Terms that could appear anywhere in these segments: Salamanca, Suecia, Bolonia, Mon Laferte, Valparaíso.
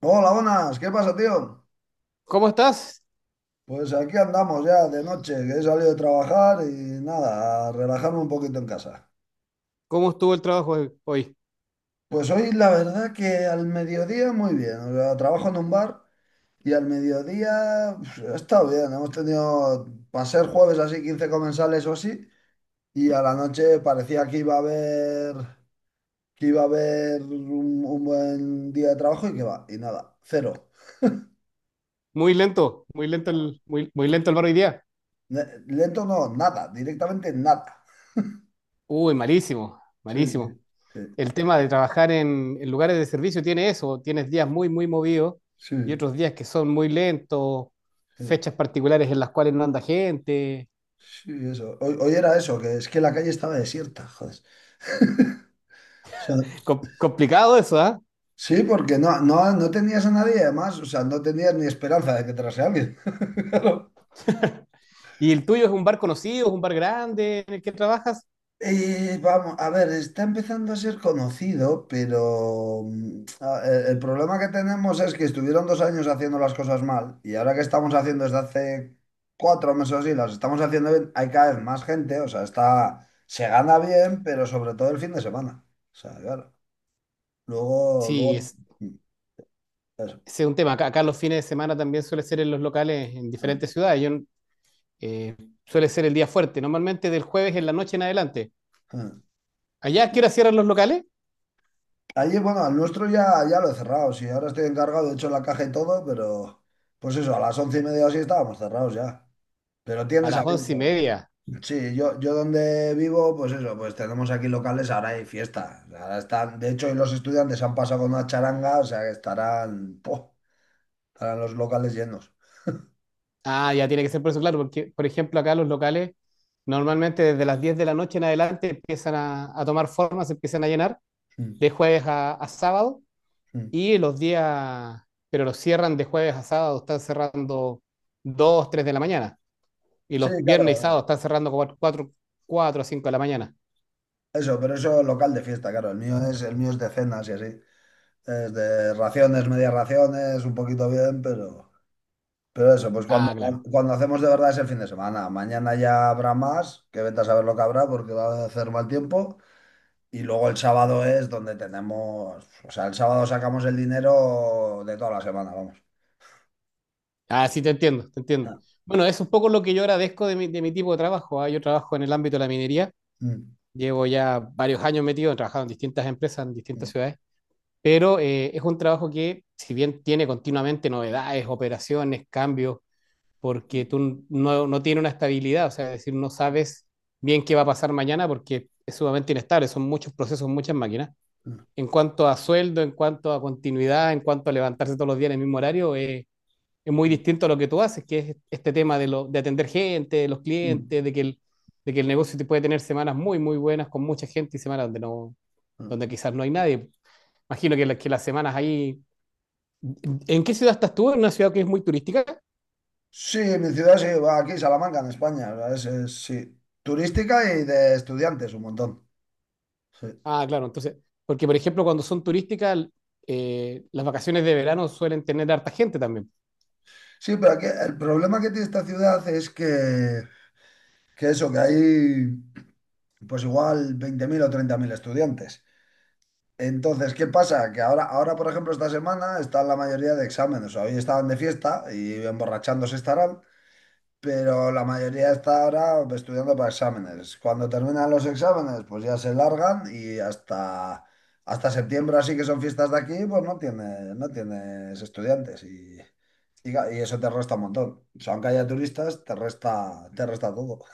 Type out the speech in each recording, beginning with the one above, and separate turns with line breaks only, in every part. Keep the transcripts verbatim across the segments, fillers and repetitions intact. Hola, buenas, ¿qué pasa, tío?
¿Cómo estás?
Pues aquí andamos ya de noche, que he salido de trabajar y nada, a relajarme un poquito en casa.
¿Cómo estuvo el trabajo hoy? hoy?
Pues hoy la verdad que al mediodía muy bien, o sea, trabajo en un bar y al mediodía pues, ha estado bien, hemos tenido, para ser jueves así, quince comensales o así, y a la noche parecía que iba a haber, que iba a haber un, un buen día de trabajo y que va, y nada, cero.
Muy lento, muy lento el, muy, muy lento el bar hoy día.
Ne- Lento no, nada, directamente nada.
Uy, malísimo,
Sí,
malísimo.
sí, sí,
El tema de trabajar en, en lugares de servicio tiene eso, tienes días muy, muy movidos
sí.
y otros días que son muy lentos,
Sí,
fechas particulares en las cuales no anda gente.
sí, eso. Hoy, hoy era eso, que es que la calle estaba desierta, joder. O sea,
Com- complicado eso, ¿ah?
sí, porque no, no, no tenías a nadie, además, o sea, no tenías ni esperanza de que entrase alguien. Claro.
¿Y el tuyo es un bar conocido, es un bar grande en el que trabajas?
Y vamos, a ver, está empezando a ser conocido, pero mm, a- el, el problema que tenemos es que estuvieron dos años haciendo las cosas mal y ahora que estamos haciendo desde hace cuatro meses o así, las estamos haciendo bien, hay cada vez más gente, o sea, está, se gana bien, pero sobre todo el fin de semana. O sea, claro. Luego,
Sí,
luego,
es,
eso.
ese es un tema. Acá, acá los fines de semana también suele ser en los locales en
Ah,
diferentes ciudades. Yo eh, Suele ser el día fuerte, normalmente del jueves en la noche en adelante.
ah.
¿Allá a qué hora cierran los locales?
Allí, bueno, al nuestro ya, ya lo he cerrado. Sí, ahora estoy encargado, de hecho, la caja y todo, pero pues eso, a las once y media o así estábamos cerrados ya. Pero
A
tienes
las once y
abierto.
media.
Sí, yo, yo donde vivo, pues eso, pues tenemos aquí locales, ahora hay fiesta. O sea, ahora están, de hecho, hoy los estudiantes han pasado con una charanga, o sea que estarán, ¡puf! Estarán los locales llenos.
Ah, ya tiene que ser por eso, claro, porque por ejemplo acá los locales normalmente desde las diez de la noche en adelante empiezan a, a tomar forma, se empiezan a llenar
Mm,
de jueves a, a sábado
mm.
y los días, pero los cierran de jueves a sábado, están cerrando dos, tres de la mañana y
Sí,
los viernes y sábados
claro,
están cerrando cuatro, cuatro a cinco de la mañana.
eso, pero eso local de fiesta, claro. El mío es, el mío es de cenas y así. Es de raciones, medias raciones, un poquito bien, pero, pero eso, pues cuando,
Ah, claro.
cuando hacemos de verdad es el fin de semana. Mañana ya habrá más, que vete a saber lo que habrá porque va a hacer mal tiempo. Y luego el sábado es donde tenemos, o sea, el sábado sacamos el dinero de toda la semana, vamos.
Ah, sí, te entiendo, te entiendo. Bueno, es un poco lo que yo agradezco de mi, de mi tipo de trabajo, ¿ah? Yo trabajo en el ámbito de la minería.
Mm,
Llevo ya varios años metido, he trabajado en distintas empresas, en distintas
mm,
ciudades, pero eh, es un trabajo que, si bien tiene continuamente novedades, operaciones, cambios, porque
mm,
tú no, no tienes una estabilidad, o sea, es decir, no sabes bien qué va a pasar mañana porque es sumamente inestable, son muchos procesos, muchas máquinas. En cuanto a sueldo, en cuanto a continuidad, en cuanto a levantarse todos los días en el mismo horario, es es muy
mm,
distinto a lo que tú haces, que es este tema de, lo, de atender gente, de los
mm,
clientes, de que, el, de que el negocio te puede tener semanas muy, muy buenas con mucha gente y semanas donde, no,
mm.
donde quizás no hay nadie. Imagino que, la, que las semanas ahí... ¿En qué ciudad estás tú? ¿En una ciudad que es muy turística?
Sí, mi ciudad sí, va aquí, Salamanca, en España. O sea, Es, es, sí, turística y de estudiantes, un montón. Sí.
Ah, claro, entonces, porque por ejemplo cuando son turísticas, eh, las vacaciones de verano suelen tener harta gente también.
Sí, pero aquí el problema que tiene esta ciudad es que, que eso, que hay pues igual veinte mil o treinta mil estudiantes. Entonces, ¿qué pasa? Que ahora, ahora, por ejemplo, esta semana están la mayoría de exámenes. O sea, hoy estaban de fiesta y emborrachándose estarán, pero la mayoría está ahora estudiando para exámenes. Cuando terminan los exámenes, pues ya se largan y hasta, hasta septiembre, así que son fiestas de aquí, pues no tiene, no tienes estudiantes. y y, ca- y eso te resta un montón. O sea, aunque haya turistas, te resta, te resta todo.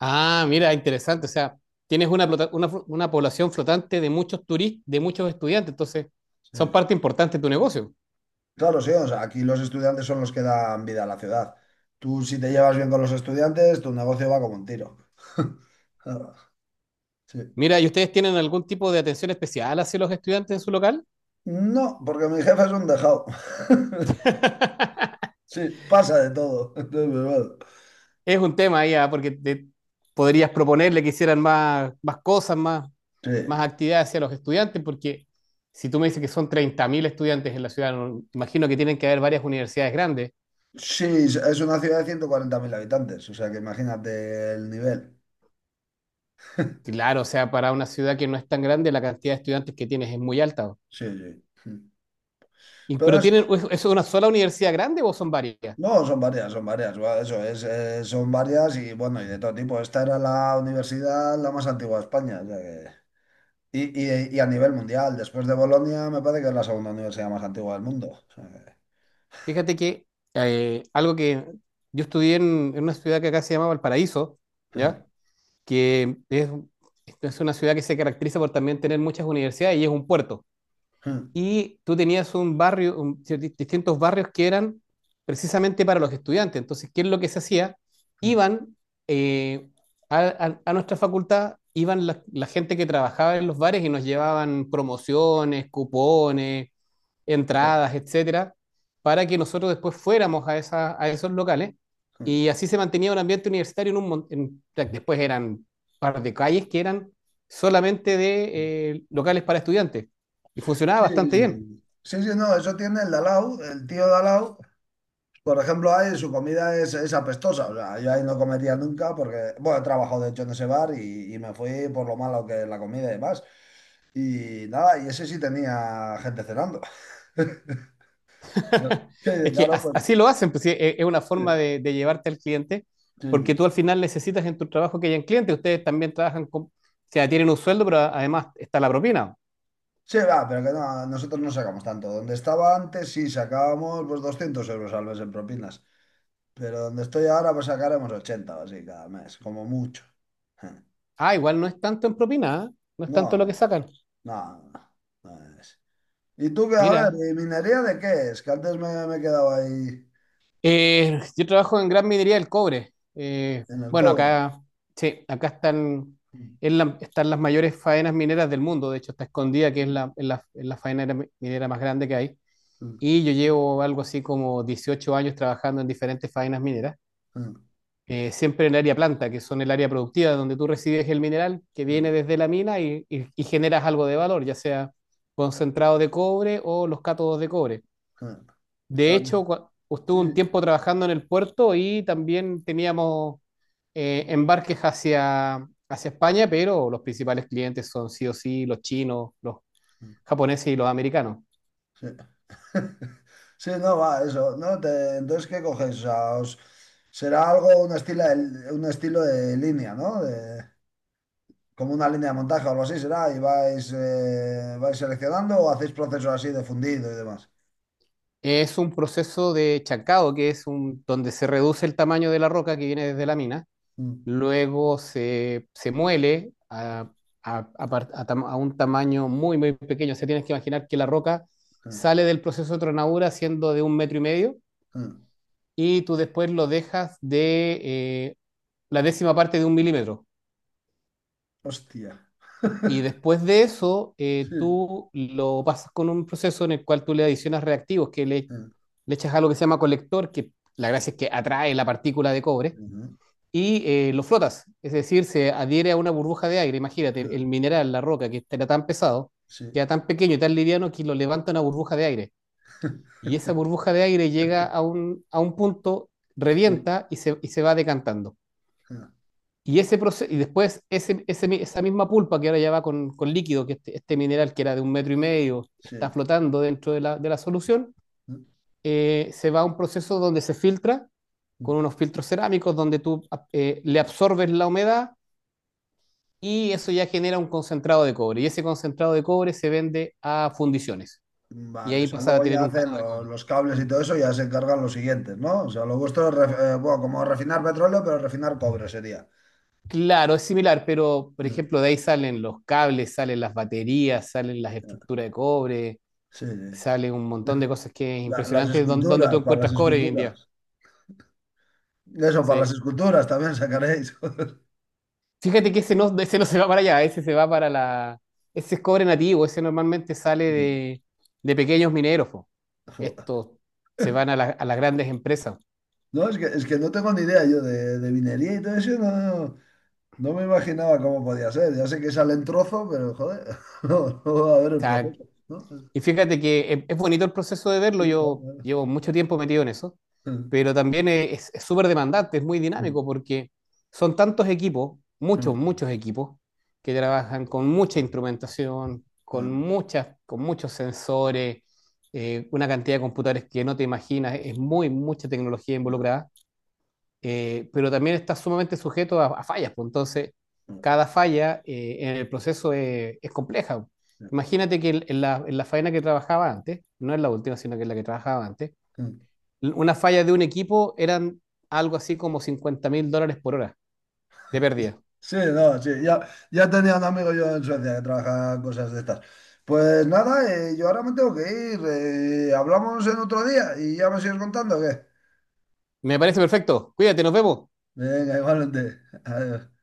Ah, mira, interesante, o sea, tienes una, plota- una, una población flotante de muchos turistas, de muchos estudiantes, entonces son
Sí.
parte importante de tu negocio.
Claro, sí, o sea, aquí los estudiantes son los que dan vida a la ciudad. Tú, si te llevas bien con los estudiantes, tu negocio va como un tiro. Claro, sí.
Mira, ¿y ustedes tienen algún tipo de atención especial hacia los estudiantes en su local?
No, porque mi jefe es un dejado. Sí, pasa de todo. Entonces, pues, bueno,
Es un tema ya, porque te- podrías proponerle que hicieran más, más cosas, más,
sí.
más actividades hacia los estudiantes, porque si tú me dices que son treinta mil estudiantes en la ciudad, no- imagino que tienen que haber varias universidades grandes.
Sí, es una ciudad de ciento cuarenta mil habitantes, o sea que imagínate el nivel.
Claro, o sea, para una ciudad que no es tan grande, la cantidad de estudiantes que tienes es muy alta.
Sí, sí.
Y-
Pero
pero
es,
tienen, ¿es es una sola universidad grande o son varias?
No, son varias, son varias, va, eso es, eh, son varias y bueno, y de todo tipo. Esta era la universidad la más antigua de España, o sea que... Y, y- y a nivel mundial, después de Bolonia, me parece que es la segunda universidad más antigua del mundo. O sea
Fíjate que eh, algo que yo estudié en, en una ciudad que acá se llama Valparaíso, ¿ya?
que...
Que es, es una ciudad que se caracteriza por también tener muchas universidades y es un puerto y tú tenías un barrio, un- distintos barrios que eran precisamente para los estudiantes. Entonces, ¿qué es lo que se hacía? Iban eh, a, a- a nuestra facultad, iban la, la gente que trabajaba en los bares y nos llevaban promociones, cupones, entradas, etcétera, para que nosotros después fuéramos a, esa- a esos locales. Y así se mantenía un ambiente universitario en un en- después eran un par de calles que eran solamente de eh, locales para estudiantes. Y funcionaba
Sí,
bastante bien.
sí. Sí, sí, no, eso tiene el Dalao, el tío Dalao. Por ejemplo, ahí su comida es, es apestosa. O sea, yo ahí no comería nunca porque, bueno, he trabajado de hecho en ese bar y, y me fui por lo malo que es la comida y demás. Y nada, y ese sí tenía gente cenando. Que
es que
claro, pues.
así lo hacen, pues, sí, e-, es una forma
Sí,
de, de llevarte al cliente,
sí,
porque
sí.
tú al final necesitas en tu trabajo que hayan clientes. Ustedes también trabajan con, o sea, tienen un sueldo, pero además está la propina.
Sí, va, pero que no, nosotros no sacamos tanto. Donde estaba antes, sí, sacábamos pues doscientos euros al mes en propinas. Pero donde estoy ahora, pues sacaremos ochenta o así cada mes, como mucho.
Ah, igual no es tanto en propina, ¿ah? No es tanto lo que
No,
sacan.
no, no es. Y tú qué a ver,
Mira,
¿y minería de qué es? Que antes me, me he quedado ahí
eh, yo trabajo en gran minería del cobre. Eh,
en el
bueno,
cobre.
acá, sí, acá están,
Mm,
es la- están las mayores faenas mineras del mundo. De hecho, está escondida, que es la, es la, es la faena minera más grande que hay.
mm,
Y yo llevo algo así como dieciocho años trabajando en diferentes faenas mineras,
mm,
eh, siempre en el área planta, que son el área productiva, donde tú recibes el mineral que
mm,
viene desde la mina y, y- y generas algo de valor, ya sea concentrado de cobre o los cátodos de cobre.
mm. O
De
sea, que-
hecho, cua- estuve
sí,
un
sí.
tiempo trabajando en el puerto y también teníamos eh, embarques hacia, hacia España, pero los principales clientes son sí o sí los chinos, los
Mm,
japoneses y los americanos.
sí, sí, no, va, eso, ¿no? Te- entonces, ¿qué coges? O sea, os- será algo, un estilo, de, un estilo de línea, ¿no? De- como una línea de montaje o algo así será, y vais, eh, vais seleccionando o hacéis procesos así de fundido y demás.
Es un proceso de chancado, que es un, donde se reduce el tamaño de la roca que viene desde la mina,
Mm,
luego se, se muele a, a- a par- a tam- a un tamaño muy, muy pequeño. O sea, tienes que imaginar que la roca
mm,
sale del proceso de tronadura siendo de un metro y medio
mm.
y tú después lo dejas de eh, la décima parte de un milímetro.
Hostia.
Y después de eso, eh,
Sí.
tú lo pasas con un proceso en el cual tú le adicionas reactivos, que le,
Mm,
le echas algo que se llama colector, que la
sí.
gracia es que atrae la partícula de cobre,
Ujú,
y eh, lo flotas. Es decir, se adhiere a una burbuja de aire. Imagínate,
mm,
el mineral, la roca, que este era tan pesado,
sí.
que era tan pequeño y tan liviano que lo levanta una burbuja de aire. Y esa burbuja de aire llega a un, a un punto,
Sí,
revienta y se, y se va decantando.
ah,
Y, ese proceso, y después ese, ese- esa misma pulpa que ahora ya va con, con, líquido, que este, este mineral que era de un metro y medio está
sí.
flotando dentro de la, de la solución, eh, se va a un proceso donde se filtra con unos filtros cerámicos donde tú eh, le absorbes la humedad y eso ya genera un concentrado de cobre. Y ese concentrado de cobre se vende a fundiciones y
Vale, o
ahí
sea,
pasa a
luego
tener
ya
un
hacen
cátodo de
lo-
cobre.
los cables y todo eso, ya se encargan los siguientes, ¿no? O sea, lo vuestro es, ref- eh, bueno, como refinar petróleo, pero refinar cobre sería.
Claro, es similar, pero por
Ah,
ejemplo de ahí salen los cables, salen las baterías, salen las
claro.
estructuras de cobre.
Sí, sí.
Sale un montón de cosas que es
La- las
impresionante don- donde tú
esculturas, para las
encuentras cobre hoy en día.
esculturas. Eso, para las
Sí.
esculturas también sacaréis.
Fíjate que ese no, ese no se va para allá, ese se va para la... Ese es cobre nativo, ese normalmente sale
Sí.
de, de pequeños mineros. Po.
Joder.
Estos se van a, la- a las grandes empresas. O
No, es que, es que no tengo ni idea yo de, de minería y todo eso, no, no, no. No me imaginaba cómo podía ser. Ya sé que sale en trozo, pero joder, no, no va a ver el
sea,
proceso, ¿no?
y fíjate que es, es bonito el proceso de verlo,
Sí, claro,
yo
claro.
llevo mucho tiempo metido en eso,
Sí,
pero también es es súper demandante, es muy dinámico porque son tantos equipos, muchos, muchos equipos, que trabajan con mucha instrumentación, con, muchas, con muchos sensores, eh, una cantidad de computadores que no te imaginas, es muy, mucha tecnología involucrada eh, pero también está sumamente sujeto a, a fallas, pues entonces cada falla eh, en el proceso es, es compleja. Imagínate que en en la, en la faena que trabajaba antes, no es la última, sino que es la que trabajaba antes, l- una falla de un equipo eran algo así como cincuenta mil dólares por hora de pérdida.
no, sí, ya, ya tenía un amigo yo en Suecia que trabajaba cosas de estas. Pues nada, eh, yo ahora me tengo que ir. Eh, hablamos en otro día y ya me sigues contando, ¿o qué?
Me parece perfecto. Cuídate, nos vemos.
Venga, igualmente. Adiós.